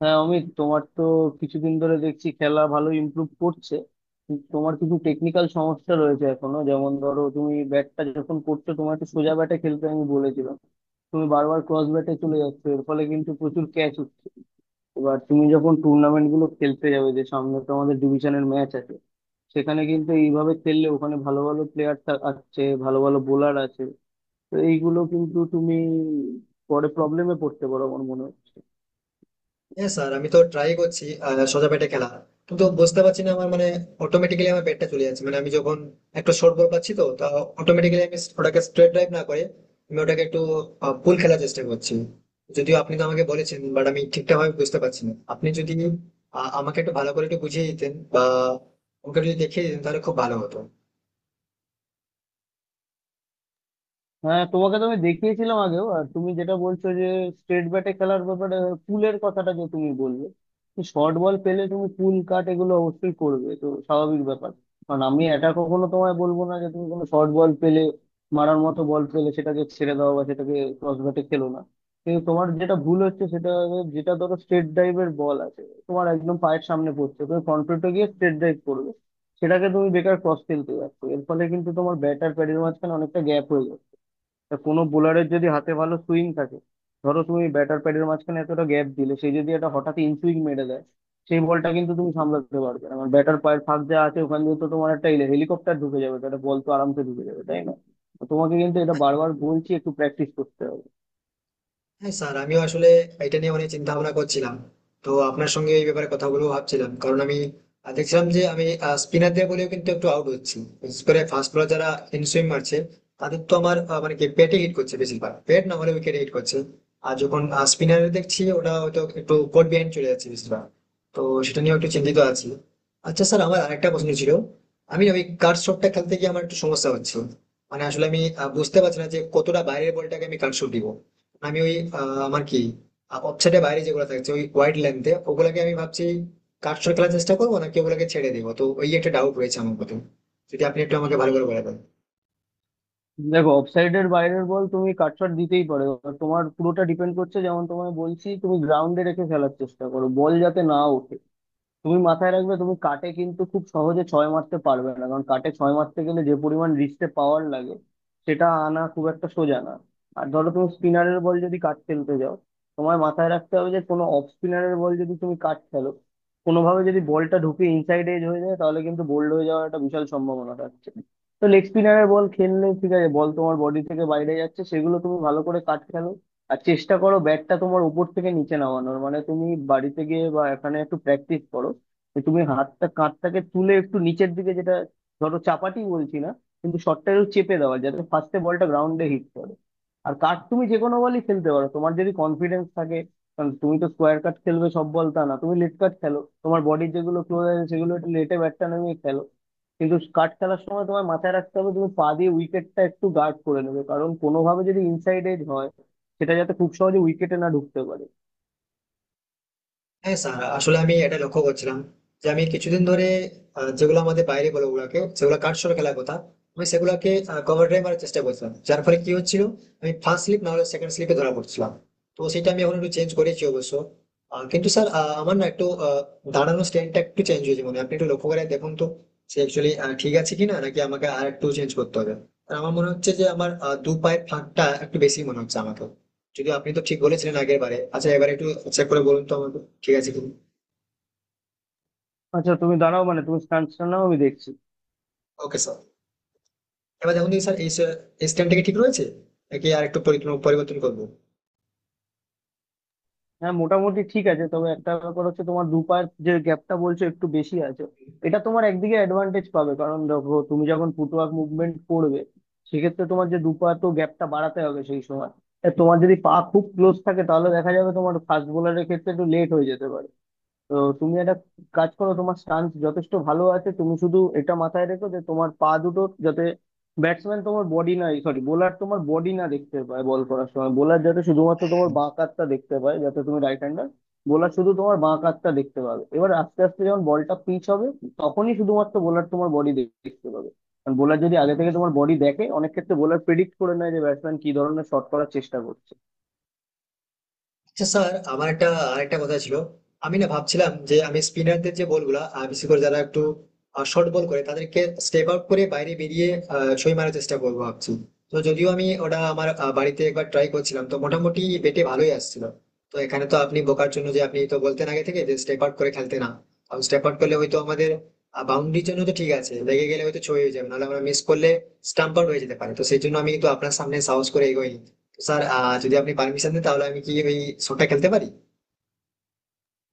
হ্যাঁ অমিত, তোমার তো কিছুদিন ধরে দেখছি খেলা ভালো ইমপ্রুভ করছে, কিন্তু তোমার কিছু টেকনিক্যাল সমস্যা রয়েছে এখনো। যেমন ধরো, তুমি ব্যাটটা যখন করছো, তোমার একটু সোজা ব্যাটে খেলতে আমি বলেছিলাম। তুমি বারবার ক্রস ব্যাটে চলে যাচ্ছ, এর ফলে কিন্তু প্রচুর ক্যাচ হচ্ছে। এবার তুমি যখন টুর্নামেন্ট গুলো খেলতে যাবে, যে সামনে তো আমাদের ডিভিশনের ম্যাচ আছে, সেখানে কিন্তু এইভাবে খেললে ওখানে ভালো ভালো প্লেয়ার আছে, ভালো ভালো বোলার আছে, তো এইগুলো কিন্তু তুমি পরে প্রবলেমে পড়তে পারো আমার মনে হয়। হ্যাঁ স্যার, আমি তো ট্রাই করছি সোজা পেটে খেলা, কিন্তু বুঝতে পারছি না আমার মানে অটোমেটিক্যালি আমার পেটটা চলে যাচ্ছে। মানে আমি যখন একটু শর্ট বল পাচ্ছি, তো তা অটোমেটিক্যালি আমি ওটাকে স্ট্রেট ড্রাইভ না করে আমি ওটাকে একটু পুল খেলার চেষ্টা করছি। যদিও আপনি তো আমাকে বলেছেন, বাট আমি ঠিকঠাক ভাবে বুঝতে পারছি না। আপনি যদি আমাকে একটু ভালো করে একটু বুঝিয়ে দিতেন বা আমাকে একটু দেখিয়ে দিতেন, তাহলে খুব ভালো হতো। হ্যাঁ, তোমাকে তো আমি দেখিয়েছিলাম আগেও। আর তুমি যেটা বলছো যে স্ট্রেট ব্যাটে খেলার ব্যাপারে, হ্যাঁ, পুলের কথাটা যে তুমি বললে, শর্ট বল পেলে তুমি পুল কাট এগুলো অবশ্যই করবে, তো স্বাভাবিক ব্যাপার। কারণ আমি এটা কখনো তোমায় বলবো না যে তুমি কোনো শর্ট বল পেলে, মারার মতো বল পেলে, সেটাকে ছেড়ে দাও বা সেটাকে ক্রস ব্যাটে খেলো না। কিন্তু তোমার যেটা ভুল হচ্ছে সেটা হলো, যেটা ধরো স্ট্রেট ড্রাইভের বল আছে, তোমার একদম পায়ের সামনে পড়ছে, তুমি ফ্রন্ট ফুটে গিয়ে স্ট্রেট ড্রাইভ করবে, সেটাকে তুমি বেকার ক্রস খেলতে যাচ্ছ। এর ফলে কিন্তু তোমার ব্যাটার প্যাডের মাঝখানে অনেকটা গ্যাপ হয়ে যাবে। তা কোনো বোলারের যদি হাতে ভালো সুইং থাকে, ধরো তুমি ব্যাটার প্যাডের মাঝখানে এতটা গ্যাপ দিলে, সে যদি একটা হঠাৎ ইন সুইং মেরে দেয়, সেই বলটা কিন্তু তুমি সামলাতে পারবে না। মানে ব্যাটার পায়ের ফাঁক যা আছে ওখান দিয়ে তো তোমার একটা হেলিকপ্টার ঢুকে যাবে, তো একটা বল তো আরামসে ঢুকে যাবে, তাই না? তো তোমাকে কিন্তু এটা বারবার বলছি, একটু প্র্যাকটিস করতে হবে। হ্যাঁ স্যার, আমিও আসলে এটা নিয়ে অনেক চিন্তা ভাবনা করছিলাম, তো আপনার সঙ্গে এই ব্যাপারে কথা বলবো ভাবছিলাম। কারণ আমি দেখছিলাম যে আমি স্পিনার দিয়ে বলেও কিন্তু একটু আউট হচ্ছি, বিশেষ করে ফাস্ট বলার যারা ইন সুইং মারছে তাদের তো আমার মানে কি পেটে হিট করছে বেশিরভাগ, পেট না হলে উইকেটে হিট করছে। আর যখন স্পিনারে দেখছি, ওটা হয়তো একটু কোট বিহাইন্ড চলে যাচ্ছে বেশিরভাগ। তো সেটা নিয়ে একটু চিন্তিত আছি। আচ্ছা স্যার, আমার আরেকটা প্রশ্ন ছিল। আমি ওই কাট শটটা খেলতে গিয়ে আমার একটু সমস্যা হচ্ছে। মানে আসলে আমি বুঝতে পারছি না যে কতটা বাইরের বলটাকে আমি কাট শট দিব। আমি ওই আহ, আমার কি ওয়েবসাইটের বাইরে যেগুলো থাকছে ওই ওয়াইড লেন্থে ওগুলাকে আমি ভাবছি কাটছর খেলার চেষ্টা করবো নাকি ওগুলোকে ছেড়ে দেবো। তো ওই একটা ডাউট রয়েছে আমার প্রথমে, যদি আপনি একটু আমাকে ভালো করে বলে দেন। দেখো, অফসাইডের বাইরের বল তুমি কাটশট দিতেই পারো। এবার তোমার পুরোটা ডিপেন্ড করছে, যেমন তোমায় বলছি, তুমি গ্রাউন্ডে রেখে খেলার চেষ্টা করো, বল যাতে না ওঠে। তুমি মাথায় রাখবে, তুমি কাটে কিন্তু খুব সহজে ছয় মারতে পারবে না, কারণ কাটে ছয় মারতে গেলে যে পরিমাণ রিস্টে পাওয়ার লাগে, সেটা আনা খুব একটা সোজা না। আর ধরো তুমি স্পিনারের বল যদি কাট খেলতে যাও, তোমায় মাথায় রাখতে হবে যে কোনো অফ স্পিনারের বল যদি তুমি কাট খেলো, কোনোভাবে যদি বলটা ঢুকে ইনসাইড এজ হয়ে যায়, তাহলে কিন্তু বোল্ড হয়ে যাওয়ার একটা বিশাল সম্ভাবনা থাকছে। তো লেগ স্পিনারের বল খেললে ঠিক আছে, বল তোমার বডি থেকে বাইরে যাচ্ছে, সেগুলো তুমি ভালো করে কাট খেলো। আর চেষ্টা করো ব্যাটটা তোমার উপর থেকে নিচে নামানোর। মানে তুমি বাড়িতে গিয়ে বা এখানে একটু প্র্যাকটিস করো, যে তুমি হাতটা, কাঁধটাকে তুলে একটু নিচের দিকে, যেটা ধরো চাপাটি বলছি না, কিন্তু শটটা একটু চেপে দেওয়া, যাতে ফার্স্টে বলটা গ্রাউন্ডে হিট করে। আর কাট তুমি যে কোনো বলই খেলতে পারো, তোমার যদি কনফিডেন্স থাকে। কারণ তুমি তো স্কোয়ার কাট খেলবে সব বল, তা না, তুমি লেট কাট খেলো, তোমার বডির যেগুলো ক্লোজ আছে, সেগুলো একটু লেটে ব্যাটটা নামিয়ে খেলো। কিন্তু কাট খেলার সময় তোমার মাথায় রাখতে হবে, তুমি পা দিয়ে উইকেটটা একটু গার্ড করে নেবে, কারণ কোনোভাবে যদি ইনসাইড এজ হয়, সেটা যাতে খুব সহজে উইকেটে না ঢুকতে পারে। হ্যাঁ স্যার, আসলে আমি এটা লক্ষ্য করছিলাম যে আমি কিছুদিন ধরে যেগুলো আমাদের বাইরে বলে ওগুলাকে, যেগুলো কাটছড় খেলার কথা, আমি সেগুলাকে কভার ড্রাইভ মারার চেষ্টা করছিলাম। যার ফলে কি হচ্ছিল, আমি ফার্স্ট স্লিপ না হলে সেকেন্ড স্লিপে ধরা পড়ছিলাম। তো সেটা আমি এখন একটু চেঞ্জ করেছি অবশ্য। কিন্তু স্যার, আমার না একটু দাঁড়ানোর স্ট্যান্ডটা একটু চেঞ্জ হয়েছে মনে হয়। আপনি একটু লক্ষ্য করে দেখুন তো সে অ্যাকচুয়ালি ঠিক আছে কিনা, নাকি আমাকে আর একটু চেঞ্জ করতে হবে। আর আমার মনে হচ্ছে যে আমার দু পায়ের ফাঁকটা একটু বেশি মনে হচ্ছে আমাকে। যদিও আপনি তো ঠিক বলেছিলেন আগের বারে। আচ্ছা, এবার একটু চেক করে বলুন তো আমাকে ঠিক আছে কিনা। আচ্ছা তুমি দাঁড়াও, মানে তুমি স্টান্স নাও, আমি দেখছি। ওকে স্যার, এবার দেখুন দেখি স্যার। এই স্যার, এই স্ট্যান্ডটা কি ঠিক রয়েছে নাকি আর একটু পরিবর্তন করবো? হ্যাঁ, মোটামুটি ঠিক আছে, তবে একটা ব্যাপার হচ্ছে, তোমার দু পায়ের যে গ্যাপটা বলছো, একটু বেশি আছে। এটা তোমার একদিকে অ্যাডভান্টেজ পাবে, কারণ দেখো, তুমি যখন ফুটওয়ার্ক মুভমেন্ট করবে, সেক্ষেত্রে তোমার যে দু পা, তো গ্যাপটা বাড়াতে হবে সেই সময়। তা তোমার যদি পা খুব ক্লোজ থাকে, তাহলে দেখা যাবে তোমার ফাস্ট বোলারের ক্ষেত্রে একটু লেট হয়ে যেতে পারে। তো তুমি একটা কাজ করো, তোমার স্টান্স যথেষ্ট ভালো আছে, তুমি শুধু এটা মাথায় রেখো যে তোমার পা দুটো যাতে, ব্যাটসম্যান তোমার বডি না, সরি, বোলার তোমার বডি না দেখতে পায় বল করার সময়। বোলার যাতে শুধুমাত্র তোমার বাঁ কাতটা দেখতে পায়, যাতে তুমি রাইট হ্যান্ডার, বোলার শুধু তোমার বাঁ কাতটা দেখতে পাবে। এবার আস্তে আস্তে যখন বলটা পিচ হবে, তখনই শুধুমাত্র বোলার তোমার বডি দেখতে পাবে। কারণ বোলার যদি আগে থেকে তোমার বডি দেখে, অনেক ক্ষেত্রে বোলার প্রেডিক্ট করে নেয় যে ব্যাটসম্যান কি ধরনের শট করার চেষ্টা করছে। আচ্ছা স্যার, আমার আরেকটা কথা ছিল। আমি না ভাবছিলাম যে আমি স্পিনারদের যে বলগুলা বিশেষ করে যারা একটু শর্ট বল করে তাদেরকে স্টেপ আউট করে বাইরে বেরিয়ে ছয় মারার চেষ্টা করবো ভাবছি। তো যদিও আমি ওটা আমার বাড়িতে একবার ট্রাই করছিলাম, তো মোটামুটি বেটে ভালোই আসছিল। তো এখানে তো আপনি বোকার জন্য, যে আপনি তো বলতেন আগে থেকে যে স্টেপ আউট করে খেলতে না, কারণ স্টেপ আউট করলে হয়তো আমাদের বাউন্ডারির জন্য তো ঠিক আছে, লেগে গেলে হয়তো ছয় হয়ে যাবে, নাহলে আমরা মিস করলে স্টাম্প আউট হয়ে যেতে পারে। তো সেই জন্য আমি কিন্তু আপনার সামনে সাহস করে এগোইনি। স্যার যদি আপনি পারমিশন দেন, তাহলে আমি কি ওই শোটা খেলতে পারি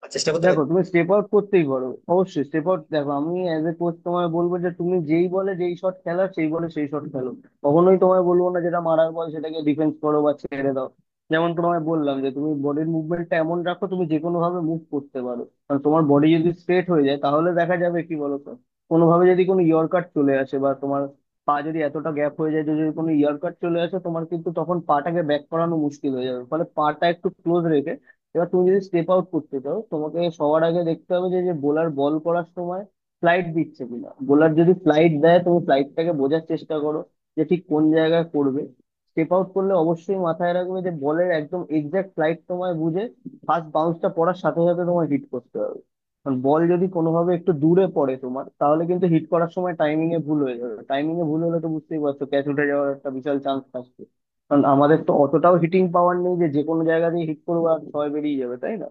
বা চেষ্টা করতে দেখো, পারি? তুমি স্টেপ আউট করতেই পারো, অবশ্যই স্টেপ আউট। দেখো, আমি অ্যাজ এ কোচ তোমায় বলবো যে তুমি যেই বলে যেই শট খেলা, সেই বলে সেই শট খেলো। কখনোই তোমায় বলবো না যেটা মারার বল সেটাকে ডিফেন্স করো বা ছেড়ে দাও। যেমন তোমায় বললাম যে তুমি বডির মুভমেন্টটা এমন রাখো, তুমি যে কোনো ভাবে মুভ করতে পারো, কারণ তোমার বডি যদি স্ট্রেট হয়ে যায়, তাহলে দেখা যাবে কি বলো তো, কোনোভাবে যদি কোনো ইয়র্কার চলে আসে বা তোমার পা যদি এতটা গ্যাপ হয়ে যায়, যে যদি কোনো ইয়ার কাট চলে আসে, তোমার কিন্তু তখন পাটাকে ব্যাক করানো মুশকিল হয়ে যাবে। ফলে পাটা একটু ক্লোজ রেখে, এবার তুমি যদি স্টেপ আউট করতে চাও, তোমাকে সবার আগে দেখতে হবে যে, যে বোলার বল করার সময় ফ্লাইট দিচ্ছে কিনা। বোলার যদি ফ্লাইট দেয়, তুমি ফ্লাইটটাকে বোঝার চেষ্টা করো যে ঠিক কোন জায়গায় করবে। স্টেপ আউট করলে অবশ্যই মাথায় রাখবে যে বলের একদম এক্সাক্ট ফ্লাইট তোমায় বুঝে, ফার্স্ট বাউন্সটা পড়ার সাথে সাথে তোমায় হিট করতে হবে। কারণ বল যদি কোনোভাবে একটু দূরে পড়ে তোমার, তাহলে কিন্তু হিট করার সময় টাইমিং এ ভুল হয়ে যাবে। টাইমিং এ ভুল হলে তো বুঝতেই পারছো, ক্যাচ উঠে যাওয়ার একটা বিশাল চান্স থাকে। কারণ আমাদের তো অতটাও হিটিং পাওয়ার নেই যে যে কোনো জায়গা দিয়ে হিট করবো আর ছয় বেরিয়ে যাবে, তাই না?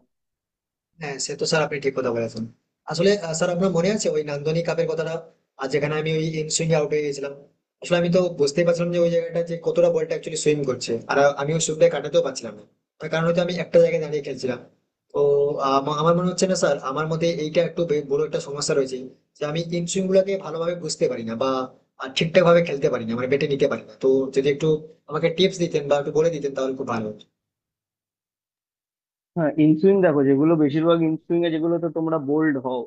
হ্যাঁ সে তো স্যার, আপনি ঠিক কথা বলেছেন। আসলে স্যার, আপনার মনে আছে ওই নান্দনিক কাপের কথাটা, আর যেখানে আমি ওই সুইং আউট হয়ে গেছিলাম। আসলে আমি তো বুঝতেই পারছিলাম যে ওই জায়গাটা যে কতটা বলটা অ্যাকচুয়ালি সুইং করছে, আর আমি ওই সুইংটা কাটাতেও পারছিলাম না। তার কারণ হয়তো আমি একটা জায়গায় দাঁড়িয়ে খেলছিলাম। তো আমার মনে হচ্ছে না স্যার, আমার মধ্যে এইটা একটু বড় একটা সমস্যা রয়েছে যে আমি ইন সুইং গুলাকে ভালোভাবে বুঝতে পারি না বা ঠিকঠাক ভাবে খেলতে পারি না, মানে বেটে নিতে পারি না। তো যদি একটু আমাকে টিপস দিতেন বা একটু বলে দিতেন, তাহলে খুব ভালো হতো। হ্যাঁ, ইনসুইং দেখো, যেগুলো বেশিরভাগ ইনসুইং এ যেগুলোতে তোমরা বোল্ড হও,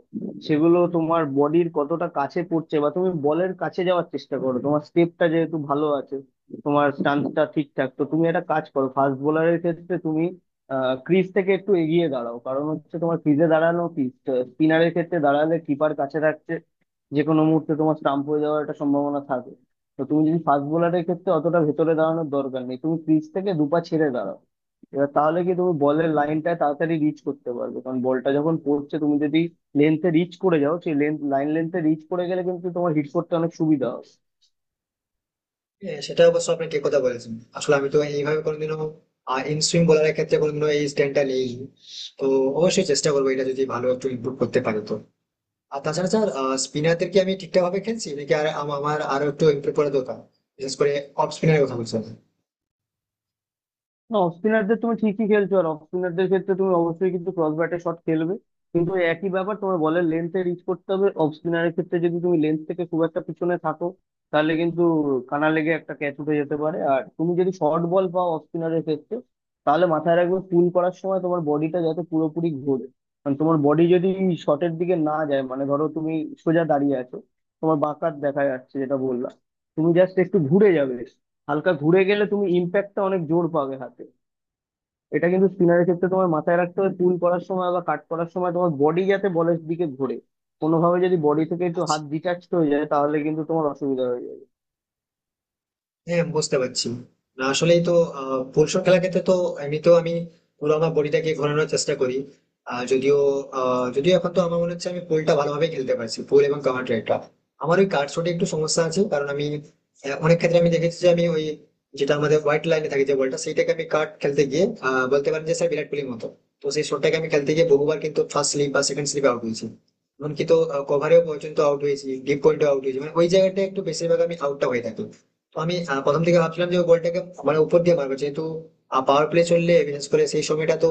সেগুলো তোমার বডির কতটা কাছে পড়ছে, বা তুমি বলের কাছে যাওয়ার চেষ্টা করো। তোমার স্টেপটা যেহেতু ভালো আছে, তোমার স্টান্সটা ঠিকঠাক, তো তুমি একটা কাজ করো, ফাস্ট বোলারের ক্ষেত্রে তুমি ক্রিজ থেকে একটু এগিয়ে দাঁড়াও। কারণ হচ্ছে, তোমার ক্রিজে দাঁড়ানো কি, স্পিনারের ক্ষেত্রে দাঁড়ালে কিপার কাছে থাকছে, যে কোনো মুহূর্তে তোমার স্টাম্প হয়ে যাওয়ার একটা সম্ভাবনা থাকে। তো তুমি যদি ফাস্ট বোলারের ক্ষেত্রে অতটা ভেতরে দাঁড়ানোর দরকার নেই, তুমি ক্রিজ থেকে দুপা ছেড়ে দাঁড়াও। এবার তাহলে কি, তুমি বলের লাইনটা তাড়াতাড়ি রিচ করতে পারবে, কারণ বলটা যখন পড়ছে, তুমি যদি লেন্থে রিচ করে যাও, সেই লেন্থ লাইন লেন্থে রিচ করে গেলে কিন্তু তোমার হিট করতে অনেক সুবিধা হবে। হ্যাঁ, সেটা অবশ্য আপনি ঠিক কথা বলেছেন। আসলে আমি তো এইভাবে কোনোদিনও ইন সুইং বলারের ক্ষেত্রে কোনোদিনও এই স্ট্যান্ডটা নেই। তো অবশ্যই চেষ্টা করবো, এটা যদি ভালো একটু ইমপ্রুভ করতে পারে তো। আর তাছাড়া স্যার, স্পিনারদের কি আমি ঠিকঠাক ভাবে খেলছি নাকি আর আমার আরো একটু ইমপ্রুভ করা দরকার? বিশেষ করে অফ স্পিনারের কথা বলছি আমি। না, অফ স্পিনারদের তুমি ঠিকই খেলছো, আর অফ স্পিনারদের ক্ষেত্রে তুমি অবশ্যই কিন্তু ক্রস ব্যাটে শট খেলবে। কিন্তু ওই একই ব্যাপার, তোমার বলের লেন্থে রিচ করতে হবে। অফ স্পিনারের ক্ষেত্রে যদি তুমি লেন্থ থেকে খুব একটা পিছনে থাকো, তাহলে কিন্তু কানা লেগে একটা ক্যাচ উঠে যেতে পারে। আর তুমি যদি শর্ট বল পাও অফ স্পিনারের ক্ষেত্রে, তাহলে মাথায় রাখবে পুল করার সময় তোমার বডিটা যাতে পুরোপুরি ঘোরে। কারণ তোমার বডি যদি শটের দিকে না যায়, মানে ধরো তুমি সোজা দাঁড়িয়ে আছো, তোমার বাঁকাত দেখা যাচ্ছে যেটা বললাম, তুমি জাস্ট একটু ঘুরে যাবে। হালকা ঘুরে গেলে তুমি ইম্প্যাক্টটা অনেক জোর পাবে হাতে। এটা কিন্তু স্পিনারের ক্ষেত্রে তোমার মাথায় রাখতে হবে, পুল করার সময় বা কাট করার সময় তোমার বডি যাতে বলের দিকে ঘোরে। কোনোভাবে যদি বডি থেকে একটু হাত আচ্ছা, ডিটাচড হয়ে যায়, তাহলে কিন্তু তোমার অসুবিধা হয়ে যাবে। হ্যাঁ বুঝতে পারছি। না, আসলেই তো ফুলশট খেলার ক্ষেত্রে তো এমনিতেও আমি পুরো আমার বডিটাকে ঘোরানোর চেষ্টা করি। আহ, যদিও যদিও এখন তো আমার মনে হচ্ছে আমি পুলটা ভালোভাবে খেলতে পারছি, পুল এবং কাভার ড্রাইভটা। আমার ওই কার্ড শটে একটু সমস্যা আছে, কারণ আমি অনেক ক্ষেত্রে আমি দেখেছি যে আমি ওই যেটা আমাদের হোয়াইট লাইনে থাকে যে বলটা, সেইটাকে আমি কাট খেলতে গিয়ে বলতে পারেন যে স্যার বিরাট কোহলির মতো। তো সেই শটটাকে আমি খেলতে গিয়ে বহুবার কিন্তু ফার্স্ট স্লিপ বা সেকেন্ড স্লিপে আউট হয়েছি, এমনকি তো কভারেও পর্যন্ত আউট হয়েছি, ডিপ পয়েন্টে আউট হয়েছি। মানে ওই জায়গাটা একটু বেশিরভাগ আমি আউটটা হয়ে থাকি। তো আমি প্রথম থেকে ভাবছিলাম যে গোলটাকে মানে উপর দিয়ে মারবো, যেহেতু পাওয়ার প্লে চললে বিশেষ করে সেই সময়টা তো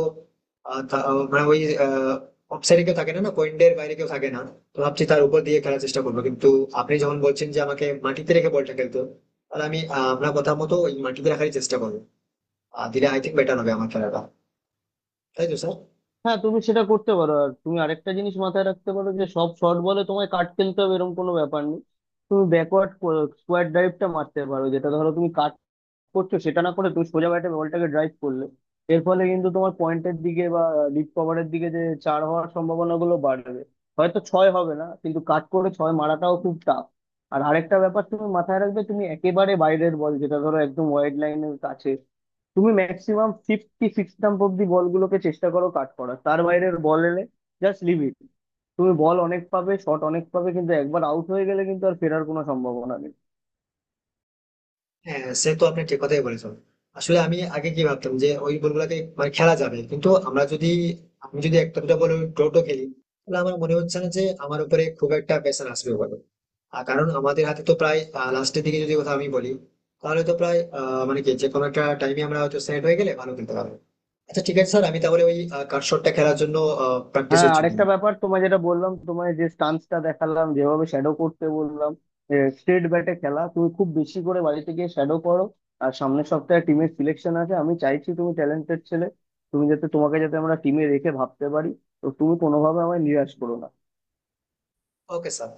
মানে ওই অফসাইডে কেউ থাকে না, না পয়েন্টের বাইরে কেউ থাকে না। তো ভাবছি তার উপর দিয়ে খেলার চেষ্টা করবো। কিন্তু আপনি যখন বলছেন যে আমাকে মাটিতে রেখে বলটা খেলতে হবে, তাহলে আমি আপনার কথা মতো ওই মাটিতে রাখারই চেষ্টা করবো। আর দিলে আই থিঙ্ক বেটার হবে আমার খেলাটা, তাই তো স্যার? হ্যাঁ, তুমি সেটা করতে পারো। আর তুমি আরেকটা জিনিস মাথায় রাখতে পারো যে সব শর্ট বলে তোমায় কাট খেলতে হবে এরকম কোনো ব্যাপার নেই। তুমি ব্যাকওয়ার্ড স্কোয়ার ড্রাইভটা মারতে পারো, যেটা ধরো তুমি করছো, সেটা না করে তুমি সোজা ব্যাটে বলটাকে ড্রাইভ করলে, এর ফলে কিন্তু তোমার পয়েন্টের দিকে বা ডিপ কভারের দিকে যে চার হওয়ার সম্ভাবনা গুলো বাড়বে। হয়তো ছয় হবে না, কিন্তু কাট করে ছয় মারাটাও খুব টাফ। আর আরেকটা ব্যাপার তুমি মাথায় রাখবে, তুমি একেবারে বাইরের বল, যেটা ধরো একদম ওয়াইড লাইনের কাছে, তুমি ম্যাক্সিমাম 56 স্টাম্প অব্দি বলগুলোকে চেষ্টা করো কাট করার, তার বাইরের বল এলে জাস্ট লিভ ইট। তুমি বল অনেক পাবে, শট অনেক পাবে, কিন্তু একবার আউট হয়ে গেলে কিন্তু আর ফেরার কোনো সম্ভাবনা নেই। হ্যাঁ, সে তো আপনি ঠিক কথাই বলেছেন। আসলে আমি আগে কি ভাবতাম যে ওই বলগুলাকে মানে খেলা যাবে, কিন্তু আমরা যদি আমি যদি একটা দুটো বল টোটো খেলি, তাহলে আমার মনে হচ্ছে না যে আমার উপরে খুব একটা প্রেশার আসবে বলে। আর কারণ আমাদের হাতে তো প্রায়, লাস্টের দিকে যদি কথা আমি বলি, তাহলে তো প্রায় মানে কি যে কোনো একটা টাইমে আমরা হয়তো সেট হয়ে গেলে ভালো খেলতে পারবো। আচ্ছা ঠিক আছে স্যার, আমি তাহলে ওই কাট শটটা খেলার জন্য প্র্যাকটিস হ্যাঁ, হচ্ছে। আরেকটা ব্যাপার তোমায় যেটা বললাম তোমায়, যে স্টান্সটা দেখালাম যেভাবে শ্যাডো করতে বললাম, স্ট্রেট ব্যাটে খেলা তুমি খুব বেশি করে বাড়িতে গিয়ে শ্যাডো করো। আর সামনের সপ্তাহে টিমের সিলেকশন আছে, আমি চাইছি তুমি ট্যালেন্টেড ছেলে, তুমি যাতে, তোমাকে যাতে আমরা টিমে রেখে ভাবতে পারি। তো তুমি কোনোভাবে আমায় নিরাশ করো না। Okay sir.